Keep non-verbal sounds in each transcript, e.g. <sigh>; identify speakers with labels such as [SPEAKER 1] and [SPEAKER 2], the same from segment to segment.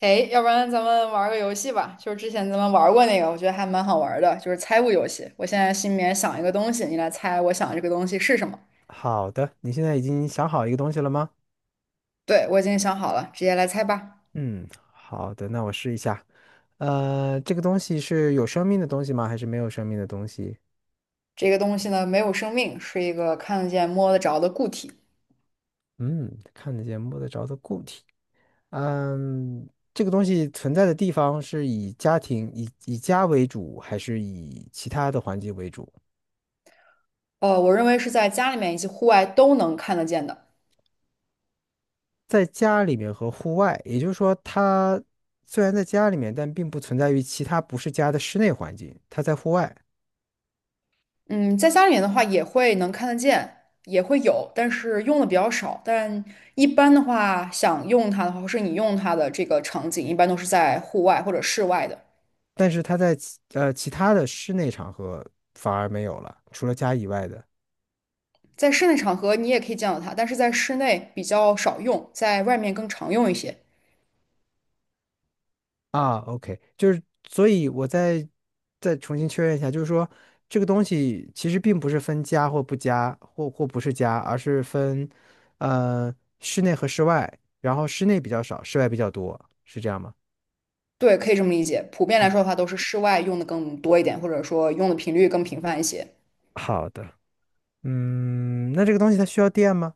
[SPEAKER 1] 哎，要不然咱们玩个游戏吧，就是之前咱们玩过那个，我觉得还蛮好玩的，就是猜物游戏。我现在心里面想一个东西，你来猜我想这个东西是什么。
[SPEAKER 2] 好的，你现在已经想好一个东西了吗？
[SPEAKER 1] 对，我已经想好了，直接来猜吧。
[SPEAKER 2] 嗯，好的，那我试一下。这个东西是有生命的东西吗？还是没有生命的东西？
[SPEAKER 1] 这个东西呢，没有生命，是一个看得见、摸得着的固体。
[SPEAKER 2] 嗯，看得见、摸得着的固体。嗯，这个东西存在的地方是以家庭、以家为主，还是以其他的环境为主？
[SPEAKER 1] 我认为是在家里面以及户外都能看得见的。
[SPEAKER 2] 在家里面和户外，也就是说，它虽然在家里面，但并不存在于其他不是家的室内环境，它在户外。
[SPEAKER 1] 嗯，在家里面的话也会能看得见，也会有，但是用的比较少。但一般的话，想用它的话，或是你用它的这个场景，一般都是在户外或者室外的。
[SPEAKER 2] 但是它在其他的室内场合反而没有了，除了家以外的
[SPEAKER 1] 在室内场合你也可以见到它，但是在室内比较少用，在外面更常用一些。
[SPEAKER 2] 啊。OK，就是所以再重新确认一下，就是说这个东西其实并不是分家或不家或不是家，而是分呃室内和室外，然后室内比较少，室外比较多，是这样吗？
[SPEAKER 1] 对，可以这么理解。普遍来
[SPEAKER 2] 嗯，
[SPEAKER 1] 说的话，都是室外用的更多一点，或者说用的频率更频繁一些。
[SPEAKER 2] 好的。嗯，那这个东西它需要电吗？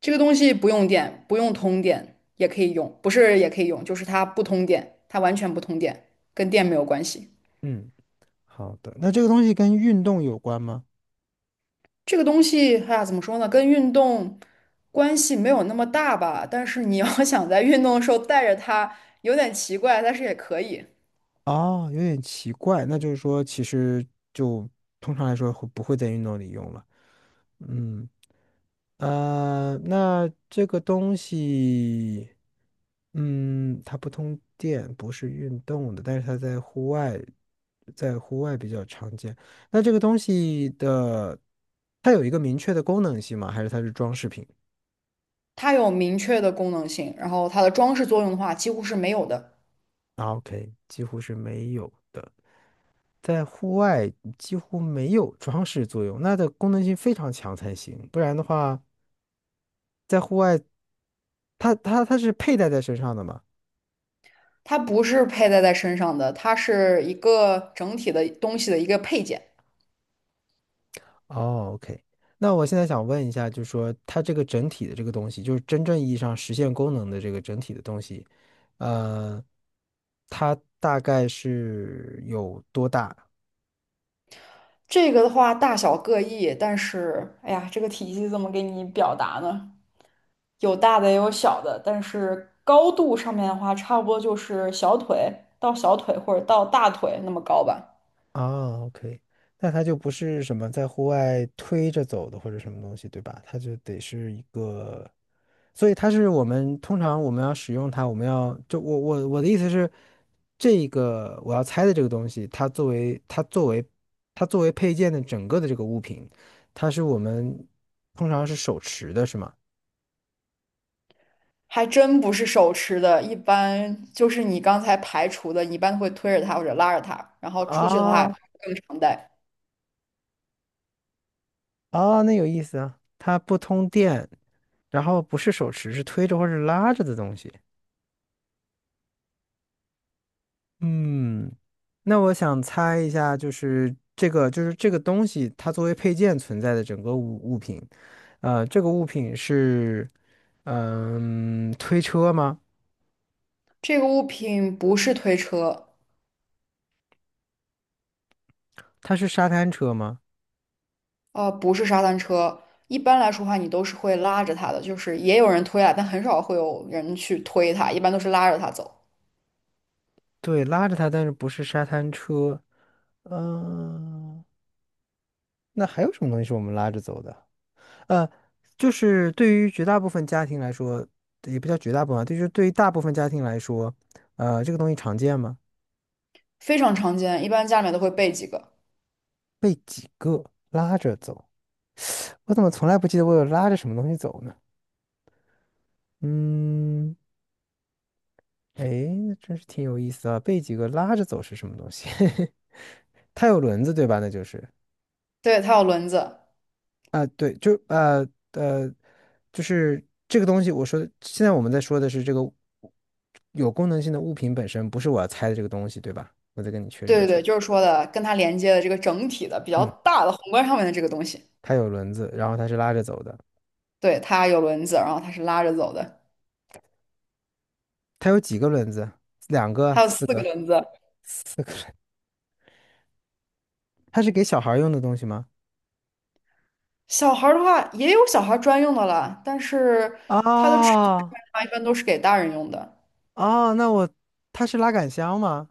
[SPEAKER 1] 这个东西不用电，不用通电也可以用，不是也可以用，就是它不通电，它完全不通电，跟电没有关系。
[SPEAKER 2] 嗯，好的。那这个东西跟运动有关吗？
[SPEAKER 1] 这个东西，哎呀，怎么说呢？跟运动关系没有那么大吧，但是你要想在运动的时候带着它，有点奇怪，但是也可以。
[SPEAKER 2] 哦，有点奇怪，那就是说，其实就通常来说会不会在运动里用了？嗯，那这个东西，嗯，它不通电，不是运动的，但是它在户外，在户外比较常见。那这个东西的，它有一个明确的功能性吗？还是它是装饰品
[SPEAKER 1] 它有明确的功能性，然后它的装饰作用的话几乎是没有的。
[SPEAKER 2] 啊？OK，几乎是没有的。在户外几乎没有装饰作用，那的功能性非常强才行，不然的话，在户外，它是佩戴在身上的嘛？
[SPEAKER 1] 它不是佩戴在身上的，它是一个整体的东西的一个配件。
[SPEAKER 2] 哦，OK，那我现在想问一下，就是说它这个整体的这个东西，就是真正意义上实现功能的这个整体的东西，呃，它大概是有多大？
[SPEAKER 1] 这个的话大小各异，但是哎呀，这个体积怎么给你表达呢？有大的也有小的，但是高度上面的话，差不多就是小腿或者到大腿那么高吧。
[SPEAKER 2] 啊，OK，那它就不是什么在户外推着走的或者什么东西，对吧？它就得是一个，所以它是我们通常我们要使用它，我们要就我的意思是，这个我要猜的这个东西，它作为配件的整个的这个物品，它是我们通常是手持的，是吗？
[SPEAKER 1] 还真不是手持的，一般就是你刚才排除的，你一般会推着它或者拉着它，然后出去的话
[SPEAKER 2] 啊
[SPEAKER 1] 更常戴。
[SPEAKER 2] 啊，那有意思啊，它不通电，然后不是手持，是推着或者拉着的东西。嗯，那我想猜一下，就是这个东西，它作为配件存在的整个物品，呃，这个物品是，嗯，推车吗？
[SPEAKER 1] 这个物品不是推车，
[SPEAKER 2] 它是沙滩车吗？
[SPEAKER 1] 不是沙滩车。一般来说的话，你都是会拉着它的，就是也有人推啊，但很少会有人去推它，一般都是拉着它走，
[SPEAKER 2] 对，拉着它，但是不是沙滩车。嗯、那还有什么东西是我们拉着走的？呃，就是对于绝大部分家庭来说，也不叫绝大部分啊，就是对于大部分家庭来说，这个东西常见吗？
[SPEAKER 1] 非常常见。一般家里面都会备几个。
[SPEAKER 2] 被几个拉着走。我怎么从来不记得我有拉着什么东西走呢？嗯，哎，那真是挺有意思啊。被几个拉着走是什么东西？<laughs> 它有轮子对吧？那就是
[SPEAKER 1] 对，它有轮子。
[SPEAKER 2] 啊、对，呃，就是这个东西。我说的，现在我们在说的是这个有功能性的物品本身，不是我要猜的这个东西对吧？我再跟你确
[SPEAKER 1] 对
[SPEAKER 2] 认一
[SPEAKER 1] 对
[SPEAKER 2] 下。
[SPEAKER 1] 对，就是说的跟它连接的这个整体的比较
[SPEAKER 2] 嗯，
[SPEAKER 1] 大的宏观上面的这个东西，
[SPEAKER 2] 它有轮子，然后它是拉着走的。
[SPEAKER 1] 对，它有轮子，然后它是拉着走的，
[SPEAKER 2] 它有几个轮子？两个、
[SPEAKER 1] 它有
[SPEAKER 2] 四
[SPEAKER 1] 四个
[SPEAKER 2] 个、
[SPEAKER 1] 轮子。
[SPEAKER 2] 四个轮它是给小孩儿用的东西吗？
[SPEAKER 1] 小孩儿的话也有小孩儿专用的啦，但是它的尺寸上
[SPEAKER 2] 啊。
[SPEAKER 1] 面的话一般都是给大人用的。
[SPEAKER 2] 哦，那我，它是拉杆箱吗？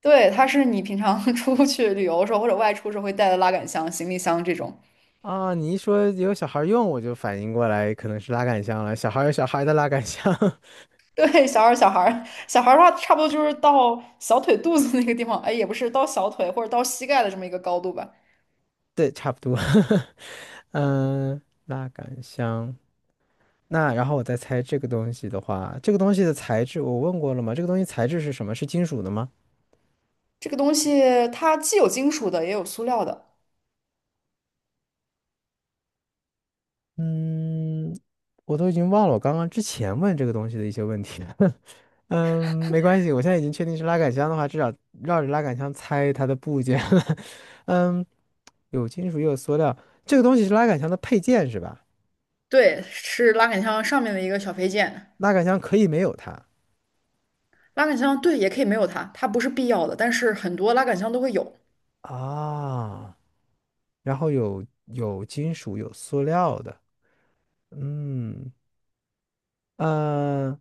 [SPEAKER 1] 对，它是你平常 <laughs> 出去旅游的时候或者外出时候会带的拉杆箱、行李箱这种。
[SPEAKER 2] 啊，你一说有小孩儿用，我就反应过来可能是拉杆箱了。小孩儿有小孩儿的拉杆箱，<laughs>
[SPEAKER 1] 对，小孩儿、小孩儿、小孩儿的话，差不多就是到小腿肚子那个地方，哎，也不是到小腿或者到膝盖的这么一个高度吧。
[SPEAKER 2] 对，差不多。<laughs> 嗯，拉杆箱。那然后我再猜这个东西的话，这个东西的材质我问过了吗？这个东西材质是什么？是金属的吗？
[SPEAKER 1] 这个东西它既有金属的，也有塑料的。
[SPEAKER 2] 嗯，我都已经忘了我刚刚之前问这个东西的一些问题了。<laughs> 嗯，没关系，我现在已经确定是拉杆箱的话，至少绕着拉杆箱猜它的部件了。<laughs> 嗯。有金属也有塑料，这个东西是拉杆箱的配件是吧？
[SPEAKER 1] 对，是拉杆箱上面的一个小配件。
[SPEAKER 2] 拉杆箱可以没有它
[SPEAKER 1] 拉杆箱对，也可以没有它，它不是必要的，但是很多拉杆箱都会有。
[SPEAKER 2] 啊，然后有金属有塑料的，嗯呃，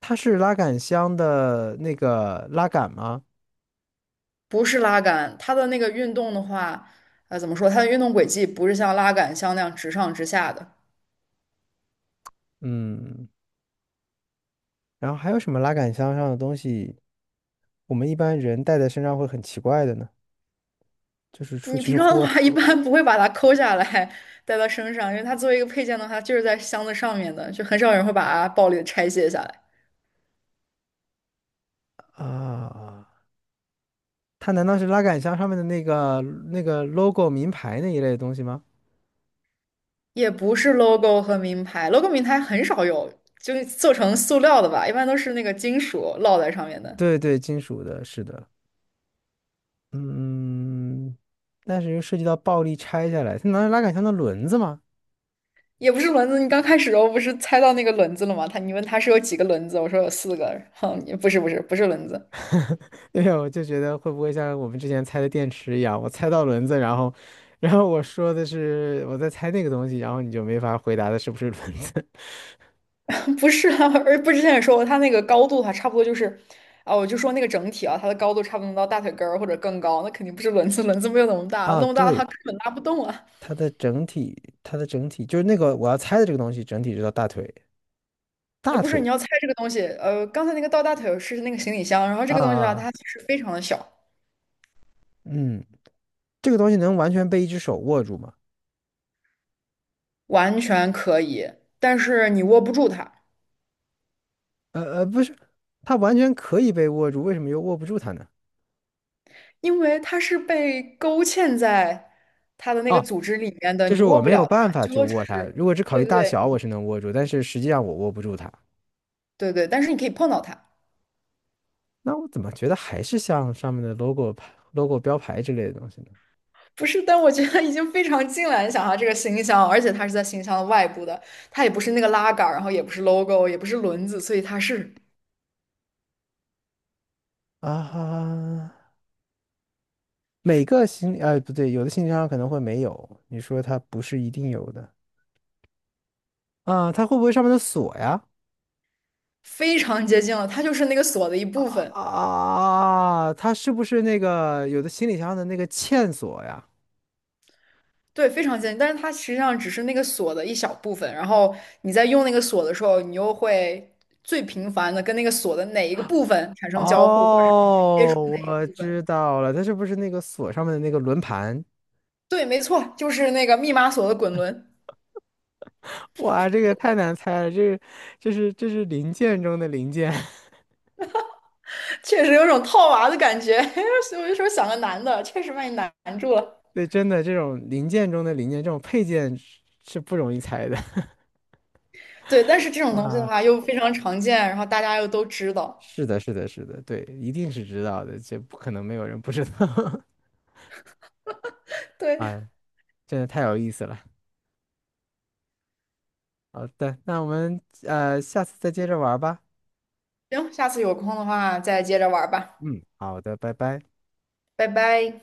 [SPEAKER 2] 它是拉杆箱的那个拉杆吗？
[SPEAKER 1] 不是拉杆，它的那个运动的话，怎么说？它的运动轨迹不是像拉杆箱那样直上直下的。
[SPEAKER 2] 嗯，然后还有什么拉杆箱上的东西，我们一般人带在身上会很奇怪的呢？就是出
[SPEAKER 1] 你
[SPEAKER 2] 去
[SPEAKER 1] 平常
[SPEAKER 2] 户
[SPEAKER 1] 的话
[SPEAKER 2] 外
[SPEAKER 1] 一般不会把它抠下来带到身上，因为它作为一个配件的话，它就是在箱子上面的，就很少有人会把它暴力的拆卸下来。
[SPEAKER 2] 啊，它难道是拉杆箱上面的那个 logo 名牌那一类的东西吗？
[SPEAKER 1] 也不是 logo 和名牌，logo 名牌很少有，就做成塑料的吧，一般都是那个金属烙在上面的。
[SPEAKER 2] 对对，金属的，是的。嗯，但是又涉及到暴力拆下来，它难道拉杆箱的轮子吗？
[SPEAKER 1] 也不是轮子，你刚开始的时候不是猜到那个轮子了吗？他你问他是有几个轮子，我说有四个，哼，后不是轮子。
[SPEAKER 2] <laughs> 对呀，我就觉得会不会像我们之前猜的电池一样，我猜到轮子，然后，然后我说的是我在猜那个东西，然后你就没法回答的是不是轮子
[SPEAKER 1] 不是啊，而不是之前也说过，它那个高度的话，差不多就是，啊，我就说那个整体啊，它的高度差不多能到大腿根儿或者更高，那肯定不是轮子，<laughs> 轮子没有那么
[SPEAKER 2] <laughs>
[SPEAKER 1] 大，
[SPEAKER 2] 啊？
[SPEAKER 1] 那么大的话
[SPEAKER 2] 对，
[SPEAKER 1] 根本拉不动啊。
[SPEAKER 2] 它的整体，它的整体就是那个我要猜的这个东西，整体是到大腿，大
[SPEAKER 1] 不是，你
[SPEAKER 2] 腿
[SPEAKER 1] 要猜这个东西，刚才那个到大腿是那个行李箱，然后这
[SPEAKER 2] 啊
[SPEAKER 1] 个东西的话，
[SPEAKER 2] 啊，
[SPEAKER 1] 它其实非常的小，
[SPEAKER 2] 嗯，这个东西能完全被一只手握住吗？
[SPEAKER 1] 完全可以，但是你握不住它，
[SPEAKER 2] 不是，它完全可以被握住，为什么又握不住它呢？
[SPEAKER 1] 因为它是被勾芡在它的那个
[SPEAKER 2] 啊？
[SPEAKER 1] 组织里面的，
[SPEAKER 2] 就
[SPEAKER 1] 你
[SPEAKER 2] 是我
[SPEAKER 1] 握不
[SPEAKER 2] 没有
[SPEAKER 1] 了它，
[SPEAKER 2] 办法
[SPEAKER 1] 最
[SPEAKER 2] 去
[SPEAKER 1] 多只
[SPEAKER 2] 握它。
[SPEAKER 1] 是，
[SPEAKER 2] 如果只考
[SPEAKER 1] 对
[SPEAKER 2] 虑
[SPEAKER 1] 对
[SPEAKER 2] 大小，我
[SPEAKER 1] 对
[SPEAKER 2] 是能握住，但是实际上我握不住它。
[SPEAKER 1] 对，但是你可以碰到它。
[SPEAKER 2] 那我怎么觉得还是像上面的 logo 牌、logo 标牌之类的东西呢？
[SPEAKER 1] 不是，但我觉得已经非常近了。你想它这个新箱，而且它是在新箱的外部的，它也不是那个拉杆儿，然后也不是 logo,也不是轮子，所以它是
[SPEAKER 2] 啊每个行李，哎，不对，有的行李箱可能会没有。你说它不是一定有的啊？它会不会上面的锁呀？
[SPEAKER 1] 非常接近了。它就是那个锁的一部分，
[SPEAKER 2] 啊，它是不是那个有的行李箱的那个嵌锁呀？
[SPEAKER 1] 对，非常接近。但是它实际上只是那个锁的一小部分。然后你在用那个锁的时候，你又会最频繁的跟那个锁的哪一个部分产生交互，或者是你去接触哪
[SPEAKER 2] 哦，
[SPEAKER 1] 一个
[SPEAKER 2] 我
[SPEAKER 1] 部分。
[SPEAKER 2] 知道了，它是不是那个锁上面的那个轮盘？
[SPEAKER 1] 对，没错，就是那个密码锁的滚轮，
[SPEAKER 2] 哇，这个太难猜了，这是这是零件中的零件，<laughs>
[SPEAKER 1] <laughs> 确实有种套娃的感觉。<laughs> 所以我就说想个难的，确实把你难住了。
[SPEAKER 2] 对，真的这种零件中的零件，这种配件是不容易猜的。<laughs>
[SPEAKER 1] 对，但是这种东西的
[SPEAKER 2] 哇，
[SPEAKER 1] 话又非常常见，然后大家又都知道。
[SPEAKER 2] 是的，是的，是的，对，一定是知道的，这不可能没有人不知道。<laughs>
[SPEAKER 1] 对，
[SPEAKER 2] 哎，真的太有意思了。好的，那我们下次再接着玩儿吧。
[SPEAKER 1] 行，下次有空的话再接着玩儿吧，
[SPEAKER 2] 嗯，好的，拜拜。
[SPEAKER 1] 拜拜。